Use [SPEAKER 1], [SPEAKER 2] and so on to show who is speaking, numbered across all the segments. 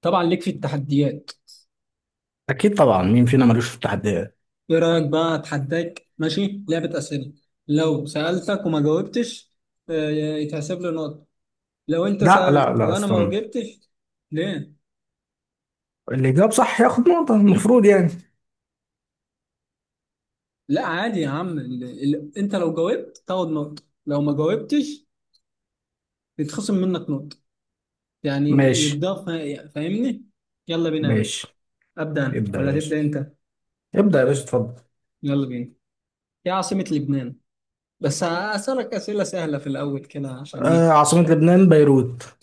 [SPEAKER 1] طبعا ليك في التحديات.
[SPEAKER 2] اكيد طبعا، مين فينا ملوش في التحديات؟
[SPEAKER 1] ايه رايك بقى؟ اتحداك ماشي، لعبه اسئله. لو سالتك وما جاوبتش، يتحسب لي نقطه. لو انت
[SPEAKER 2] لا لا
[SPEAKER 1] سالت
[SPEAKER 2] لا
[SPEAKER 1] وانا ما
[SPEAKER 2] استنى.
[SPEAKER 1] جاوبتش؟ ليه؟
[SPEAKER 2] اللي جاب صح ياخد نقطة المفروض يعني.
[SPEAKER 1] لا عادي يا عم، انت لو جاوبت تاخد نقطه، لو ما جاوبتش يتخصم منك نقطه، يعني
[SPEAKER 2] ماشي.
[SPEAKER 1] يتضاف. فاهمني؟ يلا بينا يا باشا.
[SPEAKER 2] ماشي.
[SPEAKER 1] ابدا انا
[SPEAKER 2] ابدأ يا
[SPEAKER 1] ولا
[SPEAKER 2] باشا.
[SPEAKER 1] تبدا انت؟
[SPEAKER 2] ابدأ يا باشا، اتفضل.
[SPEAKER 1] يلا بينا. ايه عاصمه لبنان؟ بس هسألك أسئلة سهلة في الأول كده، عشان إيه.
[SPEAKER 2] آه، عاصمة لبنان بيروت.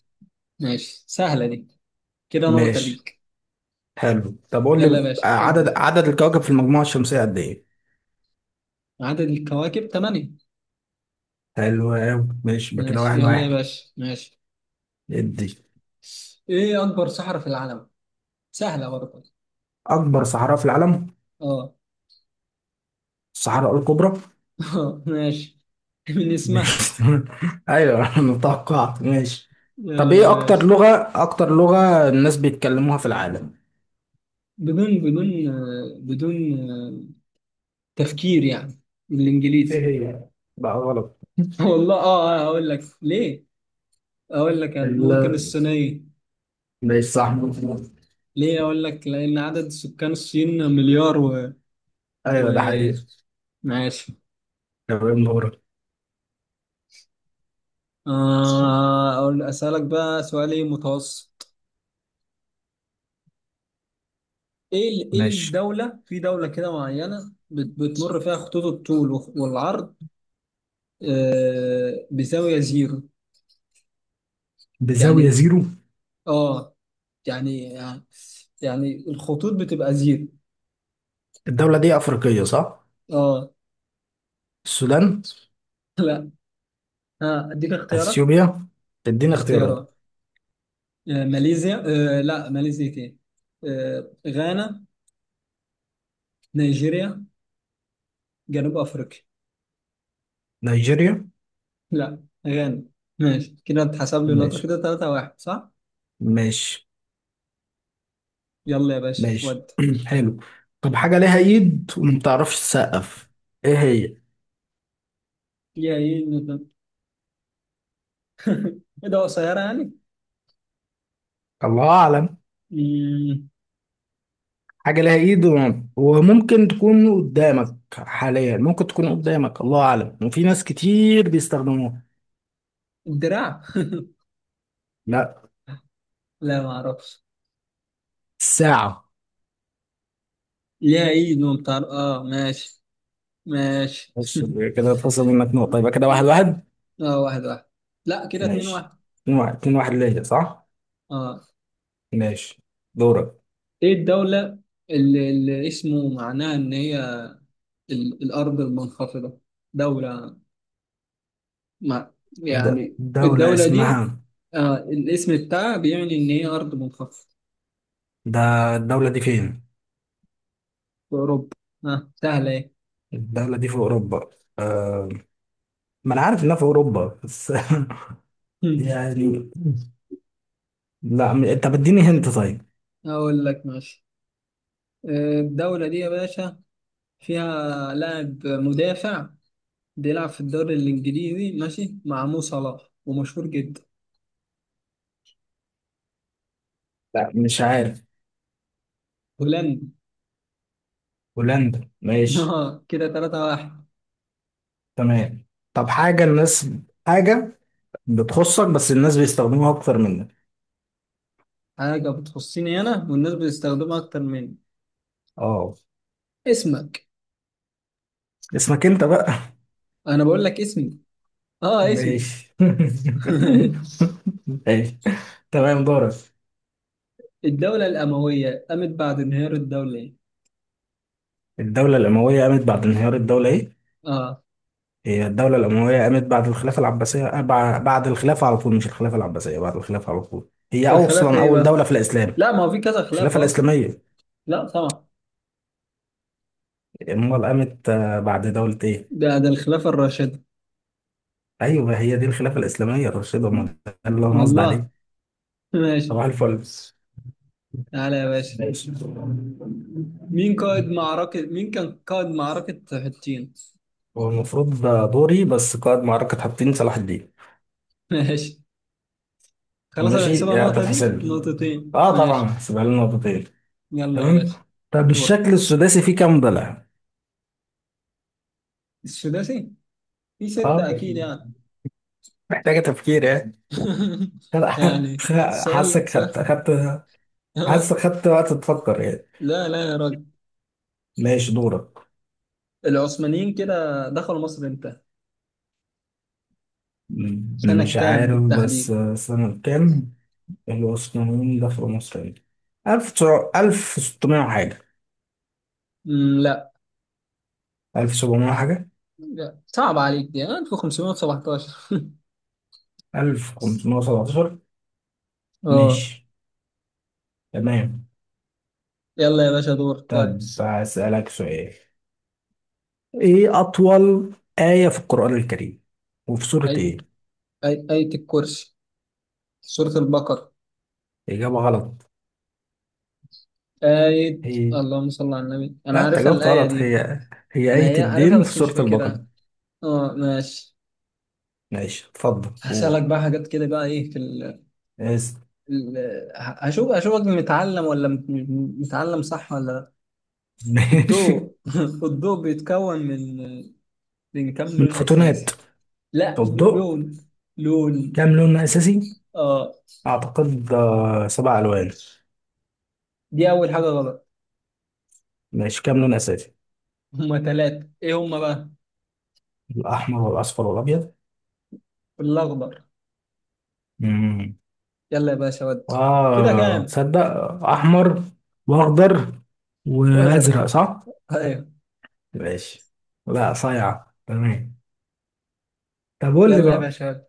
[SPEAKER 1] ماشي، سهلة دي. كده نقطة
[SPEAKER 2] ماشي.
[SPEAKER 1] ليك.
[SPEAKER 2] حلو، طب قول لي.
[SPEAKER 1] يلا يا باشا
[SPEAKER 2] عدد
[SPEAKER 1] ابدأ.
[SPEAKER 2] عدد الكواكب في المجموعة الشمسية قد ايه؟
[SPEAKER 1] عدد الكواكب ثمانية.
[SPEAKER 2] حلو أوي. ماشي، يبقى كده
[SPEAKER 1] ماشي،
[SPEAKER 2] واحد
[SPEAKER 1] يلا يا
[SPEAKER 2] واحد.
[SPEAKER 1] باشا ماشي.
[SPEAKER 2] ادي.
[SPEAKER 1] ايه اكبر صحراء في العالم؟ سهلة برضه.
[SPEAKER 2] اكبر صحراء في العالم
[SPEAKER 1] اه.
[SPEAKER 2] الصحراء الكبرى.
[SPEAKER 1] ماشي، من اسمها.
[SPEAKER 2] ماشي. ايوه انا توقعت، ماشي. طب
[SPEAKER 1] يلا يا
[SPEAKER 2] ايه اكتر
[SPEAKER 1] باشا.
[SPEAKER 2] لغة، اكتر لغة الناس بيتكلموها في العالم؟
[SPEAKER 1] بدون بدون آه، تفكير يعني،
[SPEAKER 2] ايه
[SPEAKER 1] بالانجليزي.
[SPEAKER 2] هي؟ لا، غلط.
[SPEAKER 1] والله هقول لك ليه. اقول لك أنا.
[SPEAKER 2] ال
[SPEAKER 1] ممكن الصينية.
[SPEAKER 2] ماشي، صح.
[SPEAKER 1] ليه اقول لك؟ لان عدد سكان الصين مليار و،
[SPEAKER 2] ايوه
[SPEAKER 1] و...
[SPEAKER 2] ده حقيقي.
[SPEAKER 1] ماشي.
[SPEAKER 2] تمام، دورك.
[SPEAKER 1] اسالك بقى سؤال. ايه متوسط؟ ايه
[SPEAKER 2] ماشي،
[SPEAKER 1] الدولة، في دولة كده معينة بتمر فيها خطوط الطول والعرض بزاوية زيرو،
[SPEAKER 2] بزاوية
[SPEAKER 1] يعني.
[SPEAKER 2] زيرو.
[SPEAKER 1] اه. يعني، يعني الخطوط بتبقى زيرو.
[SPEAKER 2] الدولة دي أفريقية صح؟
[SPEAKER 1] اه.
[SPEAKER 2] السودان.
[SPEAKER 1] لا، ها اديك اختيارات.
[SPEAKER 2] أثيوبيا. تدينا اختيارات.
[SPEAKER 1] اختيارات ماليزيا، لا ماليزيا ايه. غانا، نيجيريا، جنوب افريقيا.
[SPEAKER 2] نيجيريا.
[SPEAKER 1] لا، غانا. ماشي، كده اتحسب لي نقطة
[SPEAKER 2] ماشي.
[SPEAKER 1] كده، 3 واحد صح؟
[SPEAKER 2] ماشي.
[SPEAKER 1] يلا يا باشا
[SPEAKER 2] ماشي.
[SPEAKER 1] ود.
[SPEAKER 2] حلو. طب حاجة ليها إيد وما بتعرفش تسقف، إيه هي؟
[SPEAKER 1] يا ايه؟ ايه ده؟ قصيرة يعني؟
[SPEAKER 2] الله أعلم.
[SPEAKER 1] مم،
[SPEAKER 2] حاجة ليها إيد وممكن تكون قدامك حاليا، ممكن تكون قدامك، الله أعلم، وفي ناس كتير بيستخدموها.
[SPEAKER 1] الدراع.
[SPEAKER 2] لا.
[SPEAKER 1] لا ما اعرفش.
[SPEAKER 2] ساعة.
[SPEAKER 1] ليها ايد ومطر، اه ماشي. ماشي.
[SPEAKER 2] بص، كده اتخصم منك نقطة، يبقى كده واحد واحد.
[SPEAKER 1] اه، واحد واحد. لا كده، اتنين واحد.
[SPEAKER 2] ماشي، اتنين واحد، اتنين واحد ليا صح؟
[SPEAKER 1] اه.
[SPEAKER 2] ماشي، دورك.
[SPEAKER 1] ايه الدولة اللي اسمه معناها ان هي الارض المنخفضة؟ دولة، ما يعني
[SPEAKER 2] دولة
[SPEAKER 1] الدولة
[SPEAKER 2] اسمها
[SPEAKER 1] دي الاسم بتاعها بيعني ان هي ارض منخفضة.
[SPEAKER 2] ده. الدولة دي فين؟
[SPEAKER 1] في اوروبا. اه سهلة ايه.
[SPEAKER 2] الدولة دي في أوروبا. أه... ما أنا عارف إنها في أوروبا بس، يعني. لا، طب اديني هنت طيب.
[SPEAKER 1] اقول لك ماشي. الدولة دي يا باشا فيها لاعب مدافع بيلعب في الدوري الإنجليزي ماشي، مع مو صلاح، ومشهور جدا.
[SPEAKER 2] لا مش عارف.
[SPEAKER 1] هولندي.
[SPEAKER 2] هولندا، ماشي.
[SPEAKER 1] اه، كده تلاتة واحد.
[SPEAKER 2] تمام. طب حاجة الناس، حاجة بتخصك بس الناس بيستخدموها أكتر منك.
[SPEAKER 1] حاجة بتخصني أنا والناس بتستخدمها أكتر مني.
[SPEAKER 2] اه.
[SPEAKER 1] اسمك.
[SPEAKER 2] اسمك أنت بقى.
[SPEAKER 1] أنا بقول لك اسمي. اه، اسمي.
[SPEAKER 2] ماشي. ماشي. تمام، دورك.
[SPEAKER 1] الدولة الأموية قامت بعد انهيار الدولة إيه؟
[SPEAKER 2] الدولة الأموية قامت بعد انهيار الدولة إيه؟
[SPEAKER 1] اه.
[SPEAKER 2] هي الدولة الأموية قامت بعد الخلافة العباسية، بعد الخلافة على طول. مش الخلافة العباسية، بعد الخلافة على طول. هي
[SPEAKER 1] الخلافة
[SPEAKER 2] أصلا
[SPEAKER 1] إيه
[SPEAKER 2] أول
[SPEAKER 1] بقى؟
[SPEAKER 2] دولة في الإسلام.
[SPEAKER 1] لا، ما هو في كذا
[SPEAKER 2] الخلافة
[SPEAKER 1] خلافة أصلا.
[SPEAKER 2] الإسلامية.
[SPEAKER 1] لا طبعا.
[SPEAKER 2] أمال قامت بعد دولة إيه؟
[SPEAKER 1] ده الخلافة الراشدة.
[SPEAKER 2] أيوه هي دي الخلافة الإسلامية يا رشيد، أمال ده اللي أنا قصدي
[SPEAKER 1] والله.
[SPEAKER 2] عليه.
[SPEAKER 1] ماشي،
[SPEAKER 2] صباح الفل.
[SPEAKER 1] تعالى يا باشا.
[SPEAKER 2] ماشي.
[SPEAKER 1] مين كان قائد معركة حطين؟
[SPEAKER 2] هو المفروض ده دوري، بس قائد معركة حطين صلاح الدين.
[SPEAKER 1] ماشي، خلاص هتحسبها
[SPEAKER 2] ماشي.
[SPEAKER 1] نقطة. دي
[SPEAKER 2] تتحسب لي.
[SPEAKER 1] نقطتين
[SPEAKER 2] اه طبعا
[SPEAKER 1] ماشي.
[SPEAKER 2] هحسبها لنا نقطتين.
[SPEAKER 1] يلا يا
[SPEAKER 2] تمام.
[SPEAKER 1] باشا
[SPEAKER 2] طب
[SPEAKER 1] دور.
[SPEAKER 2] الشكل السداسي فيه كام ضلع؟
[SPEAKER 1] السداسي في
[SPEAKER 2] اه.
[SPEAKER 1] ستة أكيد يعني.
[SPEAKER 2] محتاجة تفكير يعني.
[SPEAKER 1] يعني، سؤال
[SPEAKER 2] حاسك خدت
[SPEAKER 1] سؤال.
[SPEAKER 2] خدت حاسك خدت وقت تفكر يعني.
[SPEAKER 1] لا لا يا راجل.
[SPEAKER 2] ماشي، دورك.
[SPEAKER 1] العثمانيين كده دخلوا مصر امتى؟ سنة
[SPEAKER 2] مش
[SPEAKER 1] كام
[SPEAKER 2] عارف، بس
[SPEAKER 1] بالتحديد؟
[SPEAKER 2] سنة كام. العثمانيين دخلوا مصر يعني ألف تسع، ألف ستمية وحاجة.
[SPEAKER 1] مم، لا.
[SPEAKER 2] ألف سبعمية وحاجة.
[SPEAKER 1] لا صعب عليك، دي 1517.
[SPEAKER 2] ألف خمسمية وسبعتاشر.
[SPEAKER 1] اه.
[SPEAKER 2] ماشي. تمام.
[SPEAKER 1] يلا يا باشا دور
[SPEAKER 2] طب
[SPEAKER 1] كواد.
[SPEAKER 2] هسألك سؤال، ايه اطول آية في القرآن الكريم وفي سورة
[SPEAKER 1] آية.
[SPEAKER 2] ايه؟
[SPEAKER 1] آية الكرسي، سورة البقرة.
[SPEAKER 2] اجابة غلط.
[SPEAKER 1] آية.
[SPEAKER 2] هي.
[SPEAKER 1] اللهم صل على النبي، أنا
[SPEAKER 2] لا انت
[SPEAKER 1] عارفها
[SPEAKER 2] جاوبت
[SPEAKER 1] الآية
[SPEAKER 2] غلط.
[SPEAKER 1] دي.
[SPEAKER 2] هي هي
[SPEAKER 1] أنا
[SPEAKER 2] آية
[SPEAKER 1] هي عارفها
[SPEAKER 2] الدين في
[SPEAKER 1] بس مش
[SPEAKER 2] سورة البقرة.
[SPEAKER 1] فاكرها. اه ماشي.
[SPEAKER 2] ماشي، اتفضل
[SPEAKER 1] هسألك
[SPEAKER 2] قول.
[SPEAKER 1] بقى حاجات كده بقى، ايه في
[SPEAKER 2] اسف.
[SPEAKER 1] ال... هشوف اشوفك متعلم ولا متعلم صح ولا لا.
[SPEAKER 2] ماشي.
[SPEAKER 1] الضوء الضوء بيتكون من، من كام
[SPEAKER 2] من
[SPEAKER 1] لون
[SPEAKER 2] الفوتونات.
[SPEAKER 1] اساسي؟ لا،
[SPEAKER 2] الضوء.
[SPEAKER 1] لون. لون،
[SPEAKER 2] كام لون اساسي؟
[SPEAKER 1] اه.
[SPEAKER 2] اعتقد سبع الوان.
[SPEAKER 1] دي اول حاجة غلط.
[SPEAKER 2] ماشي، كام لون اساسي؟
[SPEAKER 1] هما ثلاثة، ايه هما بقى؟
[SPEAKER 2] الاحمر والاصفر والابيض.
[SPEAKER 1] الاخضر.
[SPEAKER 2] امم.
[SPEAKER 1] يلا يا باشا ود. كده
[SPEAKER 2] اه
[SPEAKER 1] كام؟
[SPEAKER 2] تصدق. احمر واخضر
[SPEAKER 1] وازرق،
[SPEAKER 2] وازرق صح.
[SPEAKER 1] ايوه.
[SPEAKER 2] ماشي. لا صايعة تمام. طب قول لي
[SPEAKER 1] يلا يا
[SPEAKER 2] بقى،
[SPEAKER 1] باشا ود.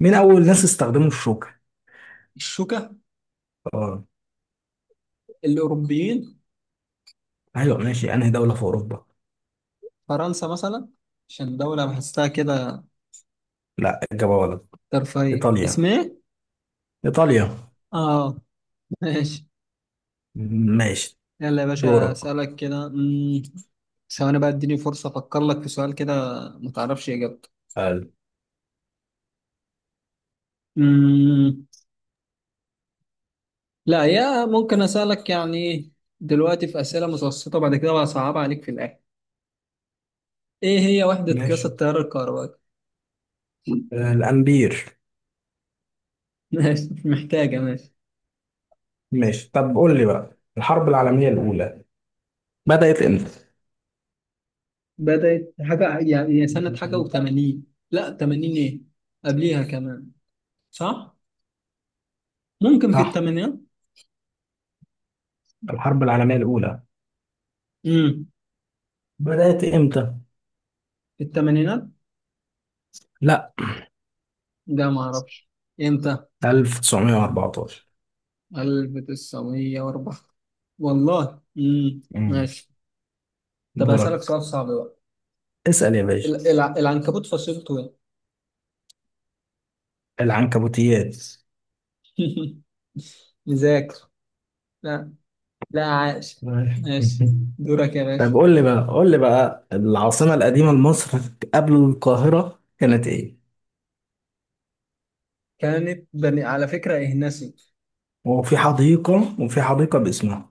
[SPEAKER 2] مين اول ناس استخدموا الشوكه؟
[SPEAKER 1] الشوكة،
[SPEAKER 2] اه.
[SPEAKER 1] الاوروبيين.
[SPEAKER 2] ايوه ماشي، انهي دوله في اوروبا؟
[SPEAKER 1] فرنسا مثلا، عشان دولة بحسها كده.
[SPEAKER 2] لا اجابه غلط.
[SPEAKER 1] ترفيه اسمه
[SPEAKER 2] ايطاليا.
[SPEAKER 1] ايه.
[SPEAKER 2] ايطاليا.
[SPEAKER 1] اه ماشي.
[SPEAKER 2] ماشي.
[SPEAKER 1] يلا يا باشا
[SPEAKER 2] دورك.
[SPEAKER 1] اسالك كده. ثواني بقى، اديني فرصه افكر لك في سؤال كده ما تعرفش اجابته.
[SPEAKER 2] حلو.
[SPEAKER 1] مم. لا، يا ممكن اسالك يعني دلوقتي في اسئله متوسطه، بعد كده بقى صعبه عليك في الاخر. ايه هي وحده قياس
[SPEAKER 2] ماشي،
[SPEAKER 1] التيار الكهربائي؟
[SPEAKER 2] الامبير.
[SPEAKER 1] ماشي، مش محتاجه ماشي.
[SPEAKER 2] ماشي طب قول لي بقى، الحرب العالميه الاولى بدات امتى؟
[SPEAKER 1] بدات حاجه، يعني هي سنه حاجه و80. لا 80 ايه، قبليها كمان، صح. ممكن في
[SPEAKER 2] صح.
[SPEAKER 1] الثمانينات.
[SPEAKER 2] الحرب العالميه الاولى
[SPEAKER 1] امم.
[SPEAKER 2] بدات امتى؟
[SPEAKER 1] في الثمانينات.
[SPEAKER 2] لا.
[SPEAKER 1] ده ما اعرفش امتى.
[SPEAKER 2] 1914.
[SPEAKER 1] 1904. والله
[SPEAKER 2] مم.
[SPEAKER 1] ماشي. طب
[SPEAKER 2] دورك.
[SPEAKER 1] هسألك سؤال صعب بقى.
[SPEAKER 2] اسال يا باشا.
[SPEAKER 1] العنكبوت فصيلته ايه؟
[SPEAKER 2] العنكبوتيات.
[SPEAKER 1] مذاكر. لا. لا عاش. ماشي. دورك يا
[SPEAKER 2] طب
[SPEAKER 1] باشا.
[SPEAKER 2] قول لي بقى، قول لي بقى العاصمة القديمة لمصر قبل القاهرة كانت إيه؟
[SPEAKER 1] كانت بني على فكرة إهنسي.
[SPEAKER 2] وفي حديقة، وفي حديقة باسمها.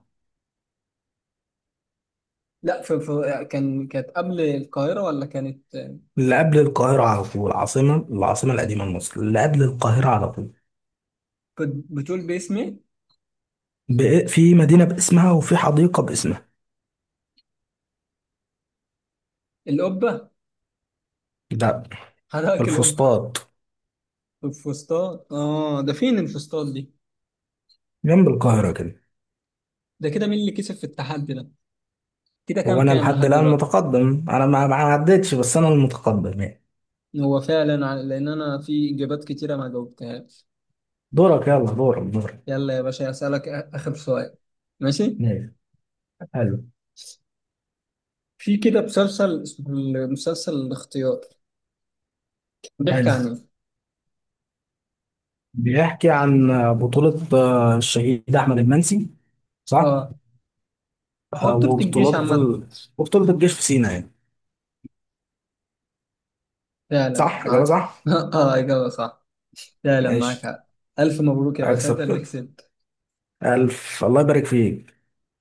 [SPEAKER 1] لا كانت قبل القاهرة ولا كانت.
[SPEAKER 2] اللي قبل القاهرة على طول، العاصمة، العاصمة القديمة لمصر اللي قبل القاهرة على طول.
[SPEAKER 1] بتقول باسم ايه؟
[SPEAKER 2] في مدينة باسمها وفي حديقة باسمها.
[SPEAKER 1] القبة.
[SPEAKER 2] ده. في
[SPEAKER 1] حضرتك، القبة.
[SPEAKER 2] الفسطاط.
[SPEAKER 1] الفسطاط، اه. ده فين الفسطاط دي؟
[SPEAKER 2] جنب القاهرة كده.
[SPEAKER 1] ده كده مين اللي كسب في التحدي ده؟ كده
[SPEAKER 2] هو أنا
[SPEAKER 1] كام
[SPEAKER 2] لحد
[SPEAKER 1] لحد
[SPEAKER 2] الآن
[SPEAKER 1] دلوقتي؟
[SPEAKER 2] متقدم، أنا ما عدتش، بس أنا المتقدم يعني.
[SPEAKER 1] هو فعلا لان انا في اجابات كتيره ما جاوبتهاش.
[SPEAKER 2] دورك، يلا دورك، دورك.
[SPEAKER 1] يلا يا باشا اسالك اخر سؤال. ماشي.
[SPEAKER 2] ماشي، حلو.
[SPEAKER 1] في كده مسلسل اسمه المسلسل الاختيار، بيحكي
[SPEAKER 2] حلو،
[SPEAKER 1] عن ايه؟
[SPEAKER 2] بيحكي عن، بطولة الشهيد أحمد المنسي، صح؟
[SPEAKER 1] اه، هو بطولة الجيش
[SPEAKER 2] وبطولات
[SPEAKER 1] عامة.
[SPEAKER 2] وبطولة الجيش في سينا يعني.
[SPEAKER 1] فعلا
[SPEAKER 2] صح، إجابة
[SPEAKER 1] معاك.
[SPEAKER 2] صح.
[SPEAKER 1] اه اجابه صح. فعلا معاك
[SPEAKER 2] ماشي.
[SPEAKER 1] حق. الف مبروك يا باشا، انت
[SPEAKER 2] أكسب
[SPEAKER 1] اللي
[SPEAKER 2] كده.
[SPEAKER 1] كسبت.
[SPEAKER 2] ألف الله يبارك فيك.